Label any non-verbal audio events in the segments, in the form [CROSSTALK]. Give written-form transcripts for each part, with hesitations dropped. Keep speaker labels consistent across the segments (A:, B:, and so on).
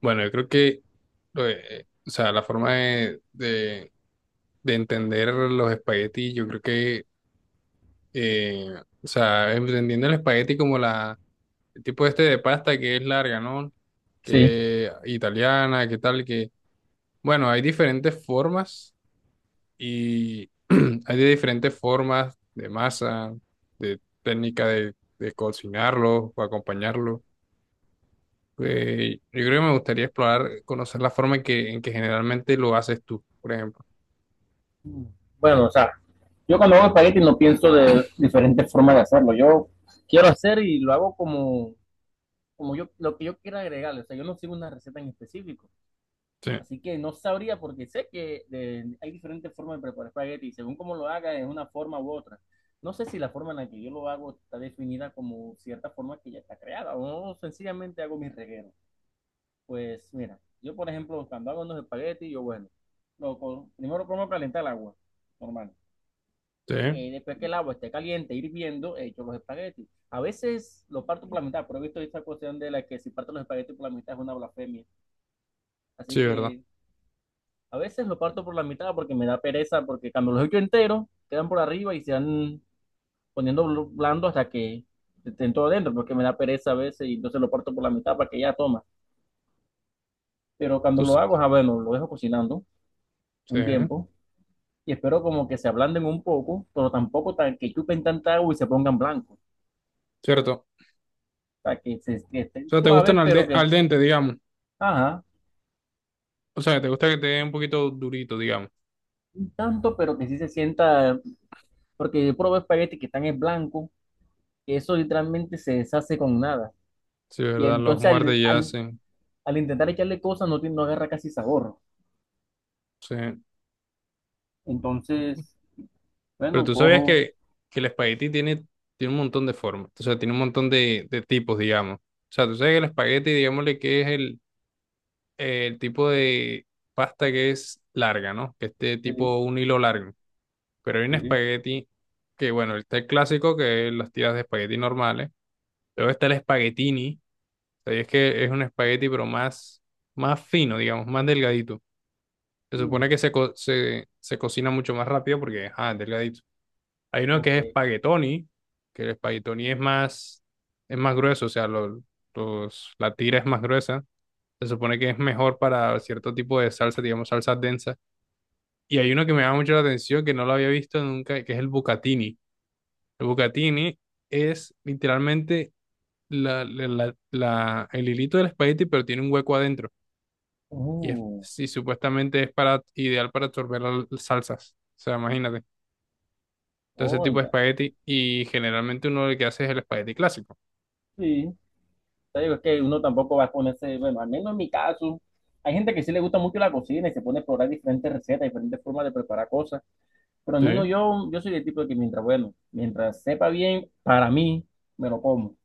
A: Bueno, yo creo que la forma de entender los espaguetis, yo creo que, eh, entendiendo el espagueti como el tipo este de pasta que es larga, ¿no?
B: Sí.
A: Que italiana, que tal, bueno, hay diferentes formas y [CLEARS THROAT] hay de diferentes formas de masa, de técnica de cocinarlo o acompañarlo. Yo creo que me gustaría explorar, conocer la forma en que generalmente lo haces tú, por ejemplo.
B: Bueno, o sea, yo cuando hago espagueti no pienso de diferentes formas de hacerlo. Yo quiero hacer y lo hago como, como yo, lo que yo quiera agregarle. O sea, yo no sigo una receta en específico.
A: Sí,
B: Así que no sabría porque sé que hay diferentes formas de preparar espagueti y según cómo lo haga es una forma u otra. No sé si la forma en la que yo lo hago está definida como cierta forma que ya está creada o sencillamente hago mis regueros. Pues mira, yo por ejemplo, cuando hago unos espaguetis, yo bueno, primero pongo a calentar el agua, normal.
A: sí,
B: Después que el agua esté caliente, hirviendo, he hecho los espaguetis. A veces lo parto por la mitad, pero he visto esta cuestión de la que si parto los espaguetis por la mitad es una blasfemia. Así
A: sí, ¿verdad?
B: que a veces lo parto por la mitad porque me da pereza, porque cuando los echo enteros, quedan por arriba y se van poniendo blando hasta que estén todo adentro, porque me da pereza a veces y entonces lo parto por la mitad para que ya toma. Pero
A: Tú,
B: cuando
A: s-
B: lo hago, bueno, lo dejo cocinando
A: sí,
B: un tiempo y espero como que se ablanden un poco, pero tampoco tan que chupen tanta agua y se pongan blancos.
A: cierto.
B: Sea, que, se, que
A: O
B: estén
A: sea, te gustan
B: suaves, pero que,
A: al dente, digamos.
B: ajá,
A: O sea, te gusta que te den un poquito durito, digamos.
B: un tanto, pero que sí se sienta, porque yo probé espagueti que están en blanco, que eso literalmente se deshace con nada.
A: Sí,
B: Y
A: ¿verdad? Los
B: entonces
A: muerdes ya.
B: al intentar echarle cosas no, no agarra casi sabor.
A: Sí. Sí.
B: Entonces,
A: Pero
B: bueno,
A: tú sabías
B: cojo,
A: que el espagueti tiene un montón de formas. O sea, tiene un montón de tipos, digamos. O sea, tú sabes que el espagueti, digámosle que es el tipo de pasta que es larga, ¿no? Que es de
B: sí,
A: tipo un hilo largo. Pero hay un
B: sí,
A: espagueti bueno, está el clásico que es las tiras de espagueti normales. Luego está el espaguetini, o sea, y es que es un espagueti pero más fino, digamos, más delgadito. Se supone
B: mm,
A: que se cocina mucho más rápido porque, ah, es delgadito. Hay uno
B: ok.
A: que es espaguetoni, que el espaguetoni es es más grueso, o sea, los, la tira es más gruesa. Se supone que es mejor para cierto tipo de salsa, digamos, salsa densa. Y hay uno que me llama mucho la atención, que no lo había visto nunca, que es el bucatini. El bucatini es literalmente el hilito del espagueti, pero tiene un hueco adentro. Y, es,
B: Uh,
A: y supuestamente es para, ideal para absorber las salsas. O sea, imagínate. Entonces, ese
B: oh,
A: tipo de espagueti. Y generalmente uno lo que hace es el espagueti clásico.
B: sí, te digo, es que uno tampoco va a ponerse, bueno, al menos en mi caso, hay gente que sí le gusta mucho la cocina y se pone a explorar diferentes recetas, diferentes formas de preparar cosas. Pero al menos
A: Sí,
B: yo, soy el tipo de que mientras, bueno, mientras sepa bien, para mí, me lo como. O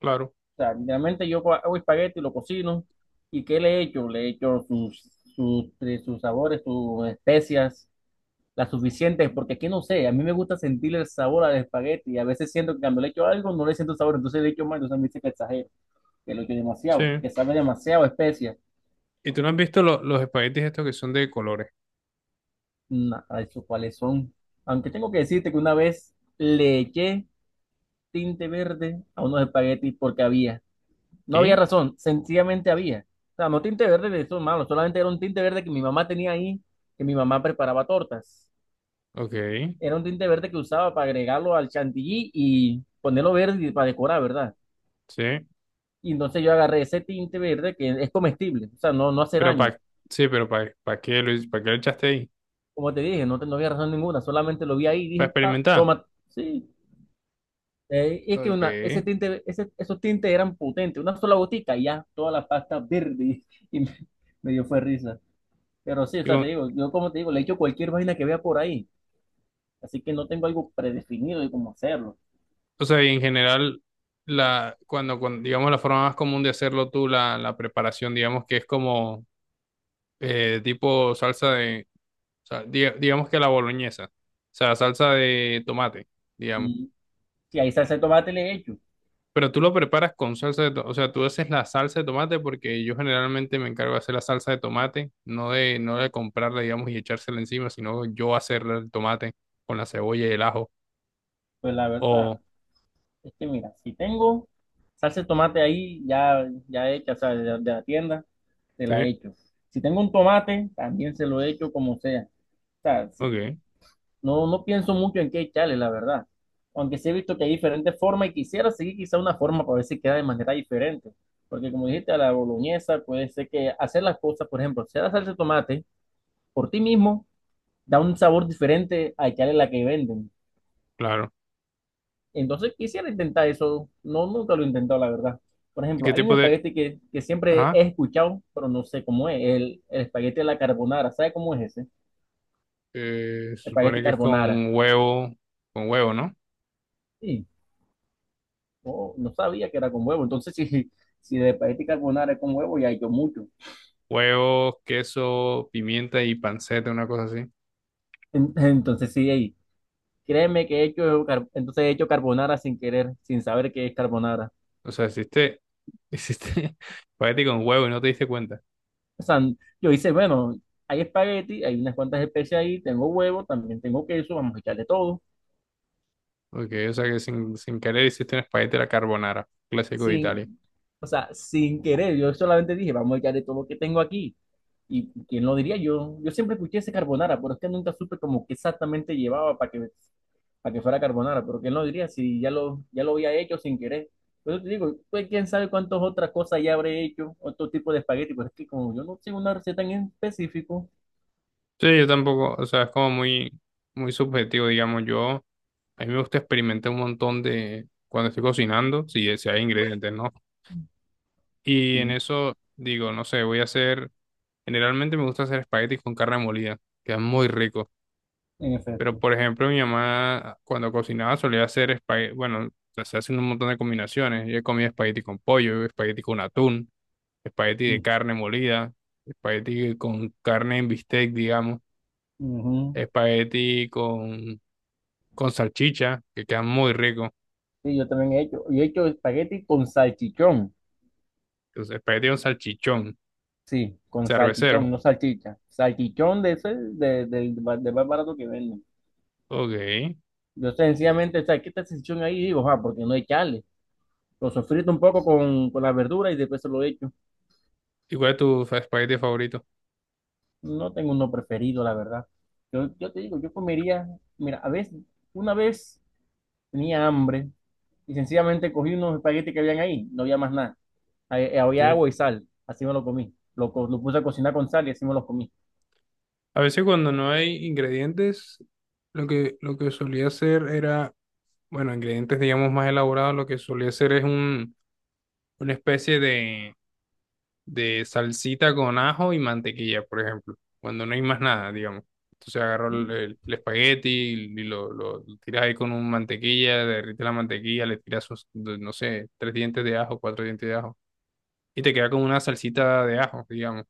A: claro.
B: sea, literalmente yo hago espagueti, lo cocino, ¿y qué le echo? Le echo sus, sus sabores, sus especias, las suficientes, porque aquí no sé, a mí me gusta sentir el sabor al espagueti, y a veces siento que cuando le echo algo no le siento el sabor, entonces le echo más, entonces me dice que exagero, que lo echo
A: Sí.
B: demasiado, que sabe demasiado a especias.
A: ¿Y tú no has visto los espaguetis estos que son de colores?
B: Nada, eso cuáles son. Aunque tengo que decirte que una vez le eché tinte verde a unos espaguetis porque había. No había
A: ¿Qué?
B: razón, sencillamente había. O sea, no tinte verde de esos malos, solamente era un tinte verde que mi mamá tenía ahí, que mi mamá preparaba tortas.
A: Ok.
B: Era un tinte verde que usaba para agregarlo al chantilly y ponerlo verde y para decorar, ¿verdad?
A: Sí.
B: Y entonces yo agarré ese tinte verde que es comestible, o sea, no, no hace
A: Pero
B: daño.
A: para sí, pero para qué, Luis? ¿Para qué lo echaste ahí?
B: Como te dije, no, no había razón ninguna, solamente lo vi ahí y
A: ¿Para
B: dije, pa,
A: experimentar?
B: toma, sí. Y es que
A: Ok.
B: una, ese tinte, esos tintes eran potentes, una sola botica y ya toda la pasta verde [LAUGHS] y me dio fue risa. Pero sí, o sea, te
A: Con,
B: digo, yo como te digo, le echo cualquier vaina que vea por ahí, así que no tengo algo predefinido de cómo hacerlo.
A: O sea, y en general, cuando, digamos, la forma más común de hacerlo la preparación, digamos que es como tipo salsa de, digamos que la boloñesa, o sea, salsa de tomate, digamos.
B: Y si hay salsa de tomate le echo,
A: Pero tú lo preparas con salsa de tomate, o sea, tú haces la salsa de tomate porque yo generalmente me encargo de hacer la salsa de tomate, no no de comprarla, digamos, y echársela encima, sino yo hacerle el tomate con la cebolla y el ajo.
B: pues la
A: O,
B: verdad es que mira, si tengo salsa de tomate ahí ya, ya hecha, o sea, de la tienda, se la
A: sí,
B: echo. Si tengo un tomate, también se lo echo como sea. O sea, si-
A: ok,
B: No, no pienso mucho en qué echarle, la verdad. Aunque sí he visto que hay diferentes formas y quisiera seguir quizá una forma para ver si queda de manera diferente. Porque como dijiste, a la boloñesa puede ser que hacer las cosas, por ejemplo, hacer la salsa de tomate por ti mismo da un sabor diferente a echarle la que venden.
A: claro.
B: Entonces quisiera intentar eso. No, nunca lo he intentado, la verdad. Por
A: ¿Y qué
B: ejemplo, hay un
A: tipo de...
B: espagueti que siempre he
A: Ajá.
B: escuchado, pero no sé cómo es, el espagueti de la carbonara. ¿Sabe cómo es ese?
A: Se supone
B: Espagueti
A: que es
B: carbonara.
A: con huevo, ¿no?
B: Sí. No, no sabía que era con huevo. Entonces, [LAUGHS] si, si de espagueti carbonara es con huevo, ya he hecho mucho.
A: Huevo, queso, pimienta y panceta, una cosa así.
B: En- [LAUGHS] Entonces, sí, ey, créeme que he hecho, entonces he hecho carbonara sin querer, sin saber qué es carbonara.
A: O sea, hiciste, [LAUGHS] hiciste espagueti con huevo y no te diste cuenta.
B: O sea, yo hice, bueno, hay espagueti, hay unas cuantas especies ahí, tengo huevo, también tengo queso, vamos a echarle todo.
A: Porque, o sea, que sin querer hiciste un espagueti a la carbonara, clásico de Italia.
B: Sin, o sea, sin querer, yo solamente dije, vamos a echarle todo lo que tengo aquí. Y quién lo diría yo, siempre escuché ese carbonara, pero es que nunca supe como que exactamente llevaba para que fuera carbonara, pero quién lo diría si ya lo, ya lo había hecho sin querer. Por eso te digo, pues quién sabe cuántas otras cosas ya habré hecho, otro tipo de espagueti, pero es que como yo no tengo una receta en específico,
A: Sí, yo tampoco, o sea, es como muy subjetivo, digamos. Yo, a mí me gusta experimentar un montón de, cuando estoy cocinando, si hay ingredientes, ¿no? Y en
B: sí,
A: eso digo, no sé, voy a hacer. Generalmente me gusta hacer espaguetis con carne molida, queda muy rico.
B: en
A: Pero
B: efecto.
A: por ejemplo, mi mamá cuando cocinaba solía hacer espagueti, bueno, se hacen un montón de combinaciones. Yo he comido espagueti con pollo, espagueti con atún, espagueti de
B: Mm.
A: carne molida, espagueti con carne en bistec, digamos,
B: Ujú.
A: espagueti con, con salchicha, que queda muy rico.
B: Sí, yo también he hecho. Yo he hecho espagueti con salchichón.
A: Entonces, espagueti con salchichón,
B: Sí, con
A: cervecero.
B: salchichón, no salchicha. Salchichón de ese, de, del más barato que venden.
A: Ok.
B: Yo sencillamente, o sea, quita esa sección ahí y digo, ah, porque no hay chale. Lo sofrito un poco con la verdura y después se lo echo.
A: ¿Y cuál es tu espagueti favorito?
B: No tengo uno preferido, la verdad. Yo, te digo, yo comería, mira, a veces, una vez tenía hambre y sencillamente cogí unos espaguetis que habían ahí, no había más nada. Había
A: Sí.
B: agua y sal, así me lo comí. Lo puse a cocinar con sal y así me lo comí.
A: A veces cuando no hay ingredientes, lo que solía hacer era, bueno, ingredientes digamos más elaborados, lo que solía hacer es una especie de salsita con ajo y mantequilla, por ejemplo, cuando no hay más nada, digamos. Entonces agarro el espagueti y, lo tiras ahí con un mantequilla, derrite la mantequilla, le tiras, sus, no sé, tres dientes de ajo, cuatro dientes de ajo, y te queda como una salsita de ajo, digamos.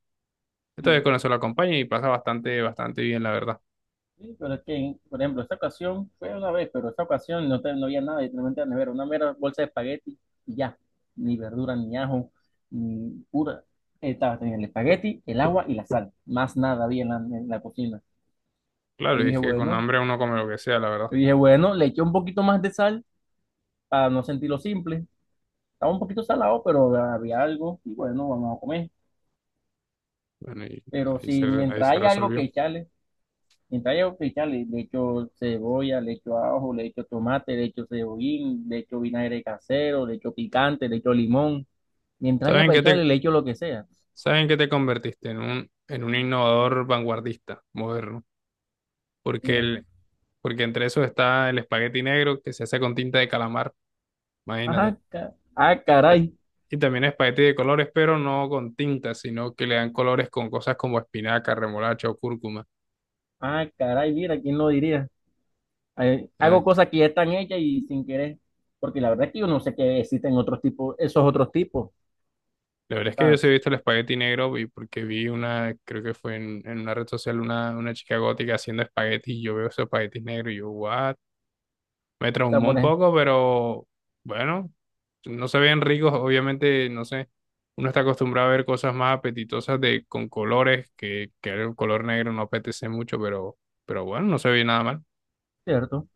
A: Entonces con eso lo acompaña y pasa bastante, bastante bien, la verdad.
B: Sí, pero es que, por ejemplo, esta ocasión fue una vez, pero esta ocasión no, no había nada, literalmente la nevera, una mera bolsa de espagueti y ya, ni verdura, ni ajo, ni pura. Estaba teniendo el espagueti, el agua y la sal, más nada había en la cocina. Yo
A: Claro, y
B: dije,
A: es que con
B: bueno,
A: hambre uno come lo que sea, la verdad.
B: yo dije, bueno, le eché un poquito más de sal para no sentirlo simple. Estaba un poquito salado, pero había algo y bueno, vamos a comer.
A: Bueno, y
B: Pero si
A: ahí
B: mientras
A: se
B: hay algo que
A: resolvió.
B: echarle, mientras haya oficiales, le echo cebolla, le echo ajo, le echo tomate, le echo cebollín, le echo vinagre casero, le echo picante, le echo limón. Mientras haya
A: ¿Saben
B: para
A: qué
B: echarle,
A: te,
B: le echo lo que sea.
A: saben qué te convertiste? En en un innovador vanguardista, moderno. Porque,
B: Mira,
A: el, porque entre eso está el espagueti negro que se hace con tinta de calamar, imagínate.
B: ah, ca- ah,
A: Ta-
B: caray,
A: Y también espagueti de colores, pero no con tinta, sino que le dan colores con cosas como espinaca, remolacha o cúrcuma.
B: ah, caray, mira, ¿quién lo diría?
A: Ah,
B: Hago cosas que ya están hechas y sin querer, porque la verdad es que yo no sé que existen otros tipos, esos otros tipos,
A: la verdad es que yo sí he
B: ¿sabes?
A: visto el espagueti negro y porque vi una, creo que fue en una red social, una chica gótica haciendo espagueti y yo veo esos espaguetis negros y yo, what? Me
B: Está
A: traumó
B: por
A: un
B: ej-
A: poco, pero bueno, no se ven ricos, obviamente, no sé. Uno está acostumbrado a ver cosas más apetitosas de, con colores, que el color negro no apetece mucho, pero bueno, no se ve nada mal.
B: ¿cierto?